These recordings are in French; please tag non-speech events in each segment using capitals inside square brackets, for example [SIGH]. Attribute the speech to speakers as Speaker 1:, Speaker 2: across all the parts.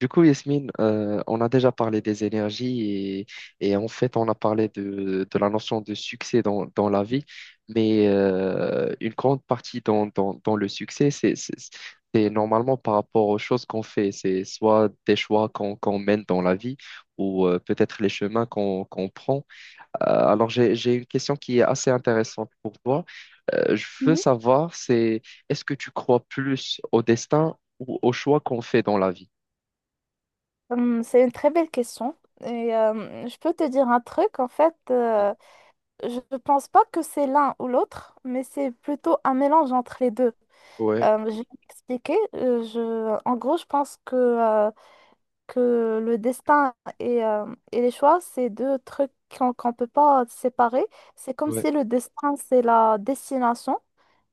Speaker 1: Du coup, Yasmine, on a déjà parlé des énergies et en fait, on a parlé de la notion de succès dans la vie, mais une grande partie dans le succès, c'est normalement par rapport aux choses qu'on fait. C'est soit des choix qu'on mène dans la vie ou peut-être les chemins qu'on prend. Alors, j'ai une question qui est assez intéressante pour toi. Je veux
Speaker 2: Mhm.
Speaker 1: savoir, c'est est-ce que tu crois plus au destin ou aux choix qu'on fait dans la vie?
Speaker 2: C'est une très belle question. Je peux te dire un truc, en fait, je ne pense pas que c'est l'un ou l'autre, mais c'est plutôt un mélange entre les deux. Je vais m'expliquer. En gros, je pense que le destin et les choix, c'est deux trucs qu'on ne peut pas séparer. C'est comme
Speaker 1: Ouais.
Speaker 2: si le destin, c'est la destination.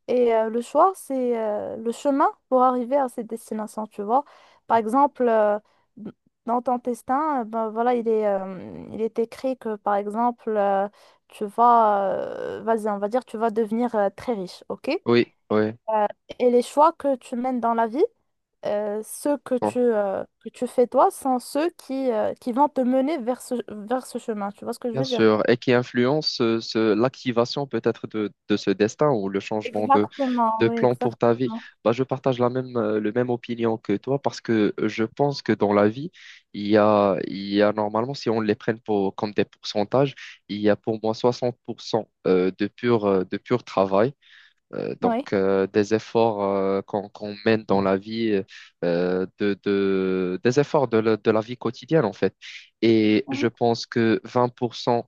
Speaker 2: Le choix, c'est le chemin pour arriver à cette destination, tu vois. Par exemple, d- dans ton destin, ben voilà, il est écrit que, par exemple, tu vas, vas-y, on va dire, tu vas devenir très riche, ok?
Speaker 1: Oui, oui,
Speaker 2: Euh, et les choix que tu mènes dans la vie, ceux que
Speaker 1: bon,
Speaker 2: que tu fais toi, sont ceux qui vont te mener vers ce chemin, tu vois ce que je
Speaker 1: bien
Speaker 2: veux dire?
Speaker 1: sûr, et qui influence l'activation peut-être de ce destin ou le changement de,
Speaker 2: Exactement,
Speaker 1: de
Speaker 2: oui,
Speaker 1: plan pour ta vie.
Speaker 2: exactement.
Speaker 1: Bah, je partage le même opinion que toi parce que je pense que dans la vie, il y a normalement, si on les prenne comme des pourcentages, il y a pour moi 60% de pur travail. Donc,
Speaker 2: Oui.
Speaker 1: des efforts qu'on mène dans la vie, des efforts de la vie quotidienne, en fait. Et je pense que 20%,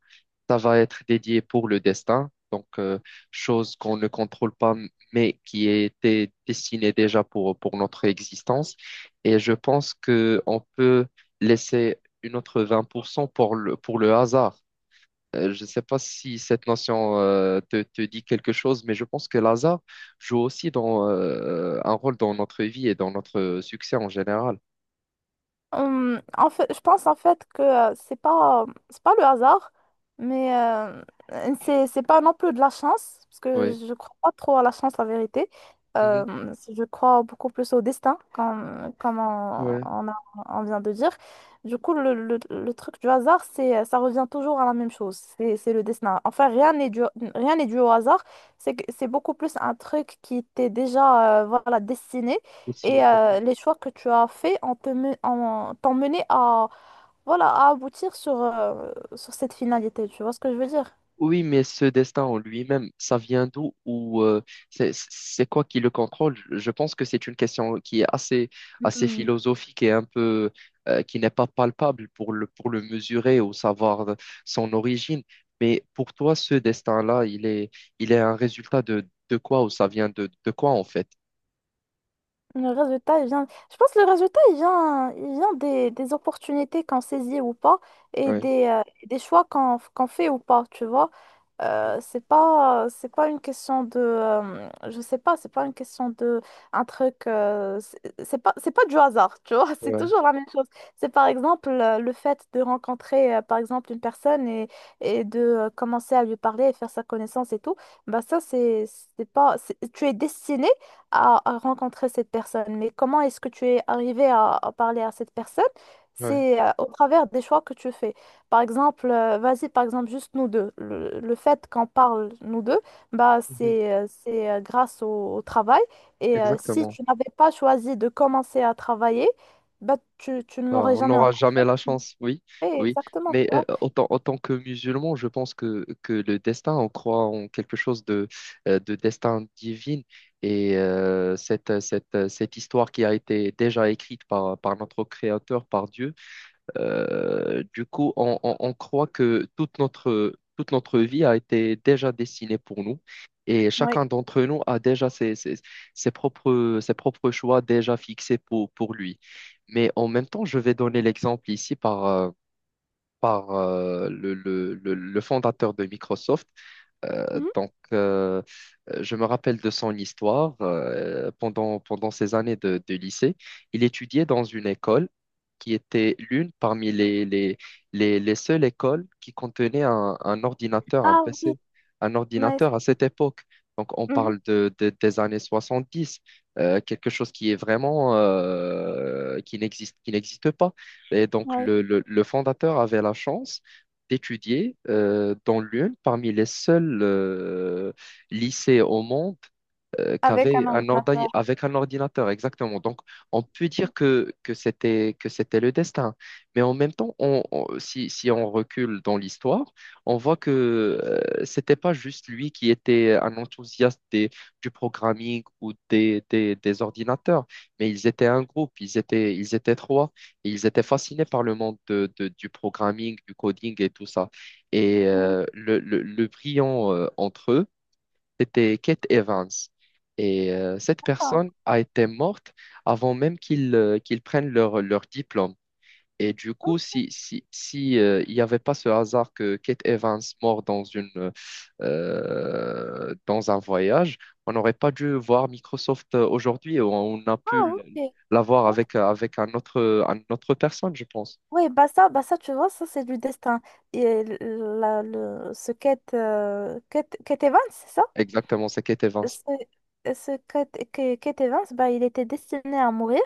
Speaker 1: ça va être dédié pour le destin, donc chose qu'on ne contrôle pas, mais qui était destinée déjà pour notre existence. Et je pense que on peut laisser une autre 20% pour cent pour le hasard. Je ne sais pas si cette notion te dit quelque chose, mais je pense que l'hasard joue aussi un rôle dans notre vie et dans notre succès en général.
Speaker 2: En fait, je pense en fait que c'est pas le hasard, mais c'est pas non plus de la chance parce que
Speaker 1: Oui.
Speaker 2: je crois pas trop à la chance, la vérité.
Speaker 1: Mhm.
Speaker 2: Euh, je crois beaucoup plus au destin, comme
Speaker 1: Ouais.
Speaker 2: on vient de dire. Du coup, le truc du hasard, c'est ça revient toujours à la même chose. C'est le destin. Enfin, rien n'est dû au hasard. C'est beaucoup plus un truc qui était déjà voilà destiné.
Speaker 1: Et sinon,
Speaker 2: Les choix que tu as faits ont te men- ont- t'ont mené à, voilà, à aboutir sur, sur cette finalité. Tu vois ce que je veux dire?
Speaker 1: oui, mais ce destin en lui-même, ça vient d'où ou c'est quoi qui le contrôle? Je pense que c'est une question qui est assez
Speaker 2: Hmm.
Speaker 1: philosophique et un peu qui n'est pas palpable pour le mesurer ou savoir son origine. Mais pour toi, ce destin-là, il est un résultat de quoi ou ça vient de quoi en fait?
Speaker 2: Le résultat, il vient... Je pense que le résultat, il vient des opportunités qu'on saisit ou pas et
Speaker 1: Ouais,
Speaker 2: des choix qu'on fait ou pas, tu vois. C'est pas une question de je sais pas, c'est pas une question de un truc c'est pas du hasard, tu vois. [LAUGHS] C'est
Speaker 1: ouais,
Speaker 2: toujours la même chose. C'est par exemple le fait de rencontrer par exemple une personne et de commencer à lui parler et faire sa connaissance et tout. Bah ça, c'est pas c'est- tu es destiné à rencontrer cette personne, mais comment est-ce que tu es arrivé à parler à cette personne,
Speaker 1: ouais.
Speaker 2: c'est au travers des choix que tu fais. Par exemple, vas-y, par exemple, juste nous deux. Le fait qu'on parle nous deux, bah,
Speaker 1: Mhm.
Speaker 2: c'est grâce au travail. Si
Speaker 1: Exactement.
Speaker 2: tu n'avais pas choisi de commencer à travailler, bah, tu ne
Speaker 1: Bah,
Speaker 2: l'aurais
Speaker 1: on
Speaker 2: jamais
Speaker 1: n'aura
Speaker 2: entendu.
Speaker 1: jamais la chance, oui, oui.
Speaker 2: Exactement,
Speaker 1: Mais
Speaker 2: tu vois.
Speaker 1: autant que musulman, je pense que le destin, on croit en quelque chose de destin divin. Et cette histoire qui a été déjà écrite par notre Créateur, par Dieu, du coup, on croit que toute notre vie a été déjà destinée pour nous et
Speaker 2: Oui.
Speaker 1: chacun d'entre nous a déjà ses propres choix déjà fixés pour lui. Mais en même temps, je vais donner l'exemple ici par, par le fondateur de Microsoft.
Speaker 2: Mhm.
Speaker 1: Donc, je me rappelle de son histoire. Pendant ses années de lycée, il étudiait dans une école qui était l'une parmi les seules écoles qui contenait un ordinateur, un
Speaker 2: Ah oui,
Speaker 1: PC, un
Speaker 2: oui,
Speaker 1: ordinateur
Speaker 2: c'est
Speaker 1: à
Speaker 2: ça.
Speaker 1: cette époque. Donc, on
Speaker 2: Mhm.
Speaker 1: parle des années 70, quelque chose qui est vraiment, qui n'existe pas. Et donc,
Speaker 2: Oui.
Speaker 1: le fondateur avait la chance d'étudier dans l'une parmi les seuls lycées au monde
Speaker 2: Avec
Speaker 1: qu'avait
Speaker 2: un
Speaker 1: un ordi
Speaker 2: ordinateur.
Speaker 1: avec un ordinateur, exactement. Donc, on peut dire que c'était le destin. Mais en même temps, si on recule dans l'histoire, on voit que c'était pas juste lui qui était un enthousiaste du programming ou des ordinateurs, mais ils étaient un groupe, ils étaient trois, et ils étaient fascinés par le monde du programming, du coding et tout ça. Et
Speaker 2: Mhm.
Speaker 1: le brillant entre eux, c'était Kate Evans. Et cette
Speaker 2: D'accord.
Speaker 1: personne a été morte avant même qu'ils prennent leur diplôme. Et du
Speaker 2: Oh.
Speaker 1: coup, si, si, si, il n'y avait pas ce hasard que Kate Evans mort dans un voyage, on n'aurait pas dû voir Microsoft aujourd'hui. On a pu
Speaker 2: Ah, ok.
Speaker 1: l'avoir
Speaker 2: Ok.
Speaker 1: avec un autre personne, je pense.
Speaker 2: Oui, bah ça, tu vois, ça, c'est du destin. Et ce Kate, Kate Evans, c'est ça?
Speaker 1: Exactement, c'est Kate Evans.
Speaker 2: ce, ce Kate Evans, bah, il était destiné à mourir.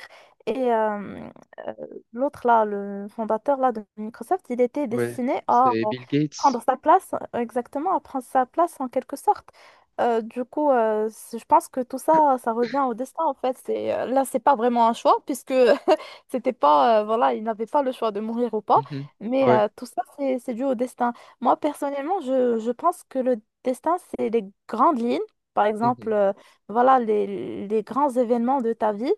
Speaker 2: Et euh, euh, L'autre, là, le fondateur là, de Microsoft, il était
Speaker 1: Ouais,
Speaker 2: destiné à
Speaker 1: c'est Bill Gates.
Speaker 2: prendre sa place, exactement, à prendre sa place en quelque sorte. Je pense que tout ça, ça revient
Speaker 1: [COUGHS]
Speaker 2: au destin, en fait. C'est, là, c'est pas vraiment un choix, puisque c'était pas, voilà, ils n'avaient pas le choix de mourir ou pas,
Speaker 1: Mhm.
Speaker 2: mais
Speaker 1: Ouais.
Speaker 2: tout ça, c'est dû au destin. Moi, personnellement, je pense que le destin, c'est les grandes lignes, par
Speaker 1: Mhm.
Speaker 2: exemple, voilà, les grands événements de ta vie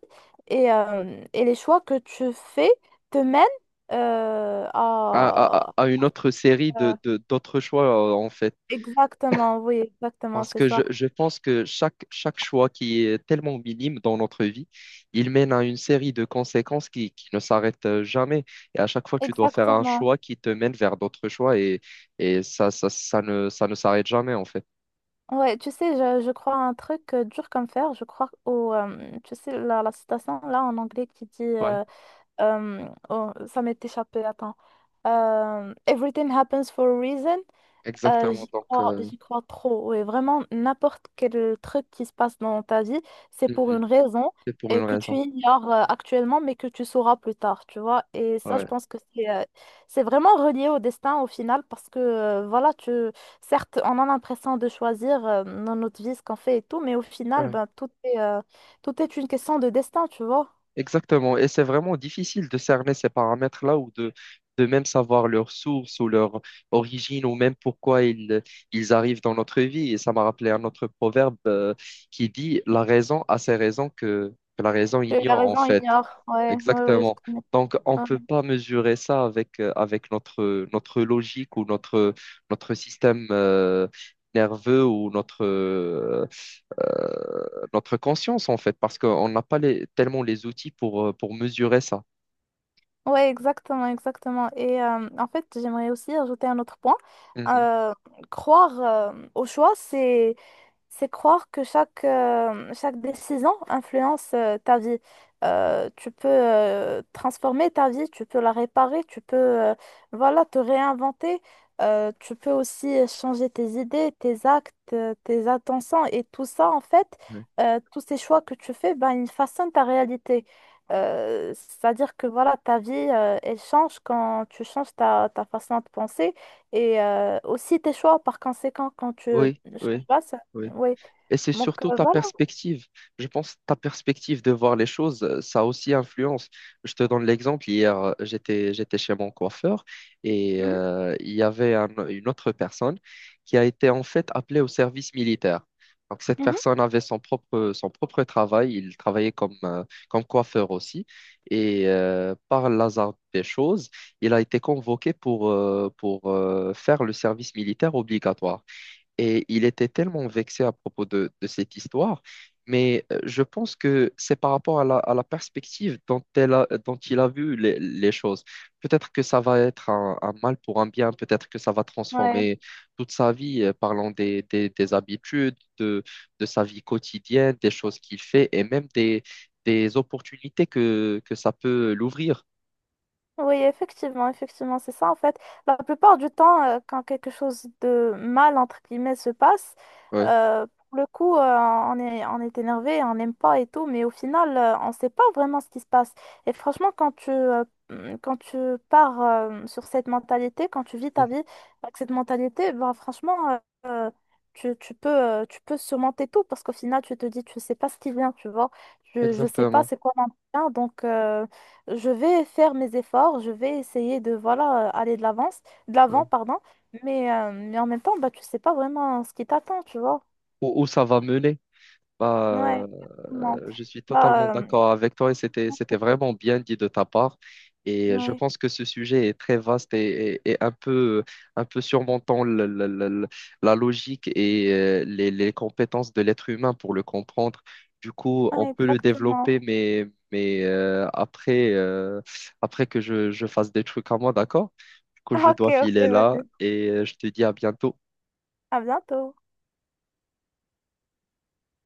Speaker 2: et les choix que tu fais te mènent euh, à...
Speaker 1: À une autre série
Speaker 2: à-
Speaker 1: d'autres choix, en fait.
Speaker 2: Exactement, oui, exactement,
Speaker 1: Parce
Speaker 2: c'est
Speaker 1: que je,
Speaker 2: ça.
Speaker 1: je pense que chaque choix qui est tellement minime dans notre vie, il mène à une série de conséquences qui ne s'arrêtent jamais. Et à chaque fois, tu dois faire un
Speaker 2: Exactement.
Speaker 1: choix qui te mène vers d'autres choix et ça ne s'arrête jamais, en fait.
Speaker 2: Ouais, tu sais, je crois à un truc dur comme fer, je crois tu sais, la citation là en anglais qui dit...
Speaker 1: Ouais,
Speaker 2: oh, ça m'est échappé, attends. Everything happens for a reason.
Speaker 1: exactement.
Speaker 2: J'y
Speaker 1: Donc,
Speaker 2: crois, j'y crois trop. Oui, vraiment, n'importe quel truc qui se passe dans ta vie, c'est pour
Speaker 1: mhm,
Speaker 2: une raison,
Speaker 1: c'est pour
Speaker 2: et
Speaker 1: une
Speaker 2: que tu
Speaker 1: raison.
Speaker 2: ignores actuellement, mais que tu sauras plus tard, tu vois. Et ça, je
Speaker 1: Ouais.
Speaker 2: pense que c'est vraiment relié au destin au final parce que, voilà, tu, certes, on a l'impression de choisir dans notre vie ce qu'on fait et tout, mais au final,
Speaker 1: Ouais.
Speaker 2: ben, tout est une question de destin, tu vois.
Speaker 1: Exactement, et c'est vraiment difficile de cerner ces paramètres-là ou de même savoir leur source ou leur origine ou même pourquoi ils arrivent dans notre vie. Et ça m'a rappelé un autre proverbe qui dit la raison a ses raisons que la raison
Speaker 2: La
Speaker 1: ignore en
Speaker 2: raison
Speaker 1: fait.
Speaker 2: ignore. Ouais, ouais, ouais, je
Speaker 1: Exactement.
Speaker 2: te mets.
Speaker 1: Donc on ne
Speaker 2: Ouais.
Speaker 1: peut pas mesurer ça avec notre logique ou notre système nerveux ou euh, notre conscience, en fait, parce qu'on n'a pas tellement les outils pour mesurer ça.
Speaker 2: Ouais, exactement, exactement. En fait, j'aimerais aussi ajouter un autre point.
Speaker 1: Mhm.
Speaker 2: Euh, Croire au choix, c'est croire que chaque, chaque décision influence ta vie. Tu peux transformer ta vie, tu peux la réparer, tu peux voilà, te réinventer. Tu peux aussi changer tes idées, tes actes, tes intentions et tout ça, en fait,
Speaker 1: Ouais.
Speaker 2: tous ces choix que tu fais, ben, ils façonnent ta réalité. C'est-à-dire que voilà, ta vie, elle change quand tu changes ta façon de penser aussi tes choix par conséquent quand tu
Speaker 1: Oui, oui.
Speaker 2: changes pas.
Speaker 1: Oui.
Speaker 2: Oui,
Speaker 1: Et c'est surtout ta
Speaker 2: voilà.
Speaker 1: perspective. Je pense que ta perspective de voir les choses, ça aussi influence. Je te donne l'exemple. Hier, j'étais chez mon coiffeur et
Speaker 2: Mhm,
Speaker 1: il y avait une autre personne qui a été en fait appelée au service militaire. Donc cette
Speaker 2: mhm.
Speaker 1: personne avait son propre travail. Il travaillait comme coiffeur aussi. Et par l'hasard des choses, il a été convoqué pour faire le service militaire obligatoire. Et il était tellement vexé à propos de cette histoire, mais je pense que c'est par rapport à la perspective dont il a vu les choses. Peut-être que ça va être un mal pour un bien, peut-être que ça va
Speaker 2: Ouais.
Speaker 1: transformer toute sa vie, parlant des habitudes, de sa vie quotidienne, des choses qu'il fait et même des opportunités que ça peut l'ouvrir.
Speaker 2: Oui, effectivement, effectivement, c'est ça en fait. La plupart du temps, quand quelque chose de mal, entre guillemets, se passe,
Speaker 1: Ouais,
Speaker 2: pour le coup, on est énervé, on n'aime pas et tout, mais au final, on ne sait pas vraiment ce qui se passe. Et franchement, quand quand tu pars sur cette mentalité, quand tu vis ta
Speaker 1: [LAUGHS]
Speaker 2: vie avec cette mentalité, bah, franchement, euh, tu peux surmonter tout parce qu'au final, tu te dis, tu ne sais pas ce qui vient, tu vois. Je ne sais pas
Speaker 1: exactement.
Speaker 2: c'est quoi mon bien, donc... je vais faire mes efforts, je vais essayer de voilà aller de l'avance, de
Speaker 1: Ouais.
Speaker 2: l'avant, pardon, mais en même temps, bah tu sais pas vraiment ce qui t'attend, tu vois.
Speaker 1: Où, où ça va mener.
Speaker 2: Ouais,
Speaker 1: Bah,
Speaker 2: exactement.
Speaker 1: je suis totalement
Speaker 2: Bah euh,
Speaker 1: d'accord avec toi et c'était vraiment bien dit de ta part. Et je
Speaker 2: ouais,
Speaker 1: pense que ce sujet est très vaste et un peu surmontant la logique et les compétences de l'être humain pour le comprendre. Du coup, on
Speaker 2: ouais,
Speaker 1: peut le
Speaker 2: exactement.
Speaker 1: développer,
Speaker 2: [LAUGHS]
Speaker 1: mais après, après que je fasse des trucs à moi, d'accord? Du coup, je
Speaker 2: Ok,
Speaker 1: dois
Speaker 2: ok,
Speaker 1: filer là
Speaker 2: vas-y.
Speaker 1: et je te dis à bientôt.
Speaker 2: À bientôt.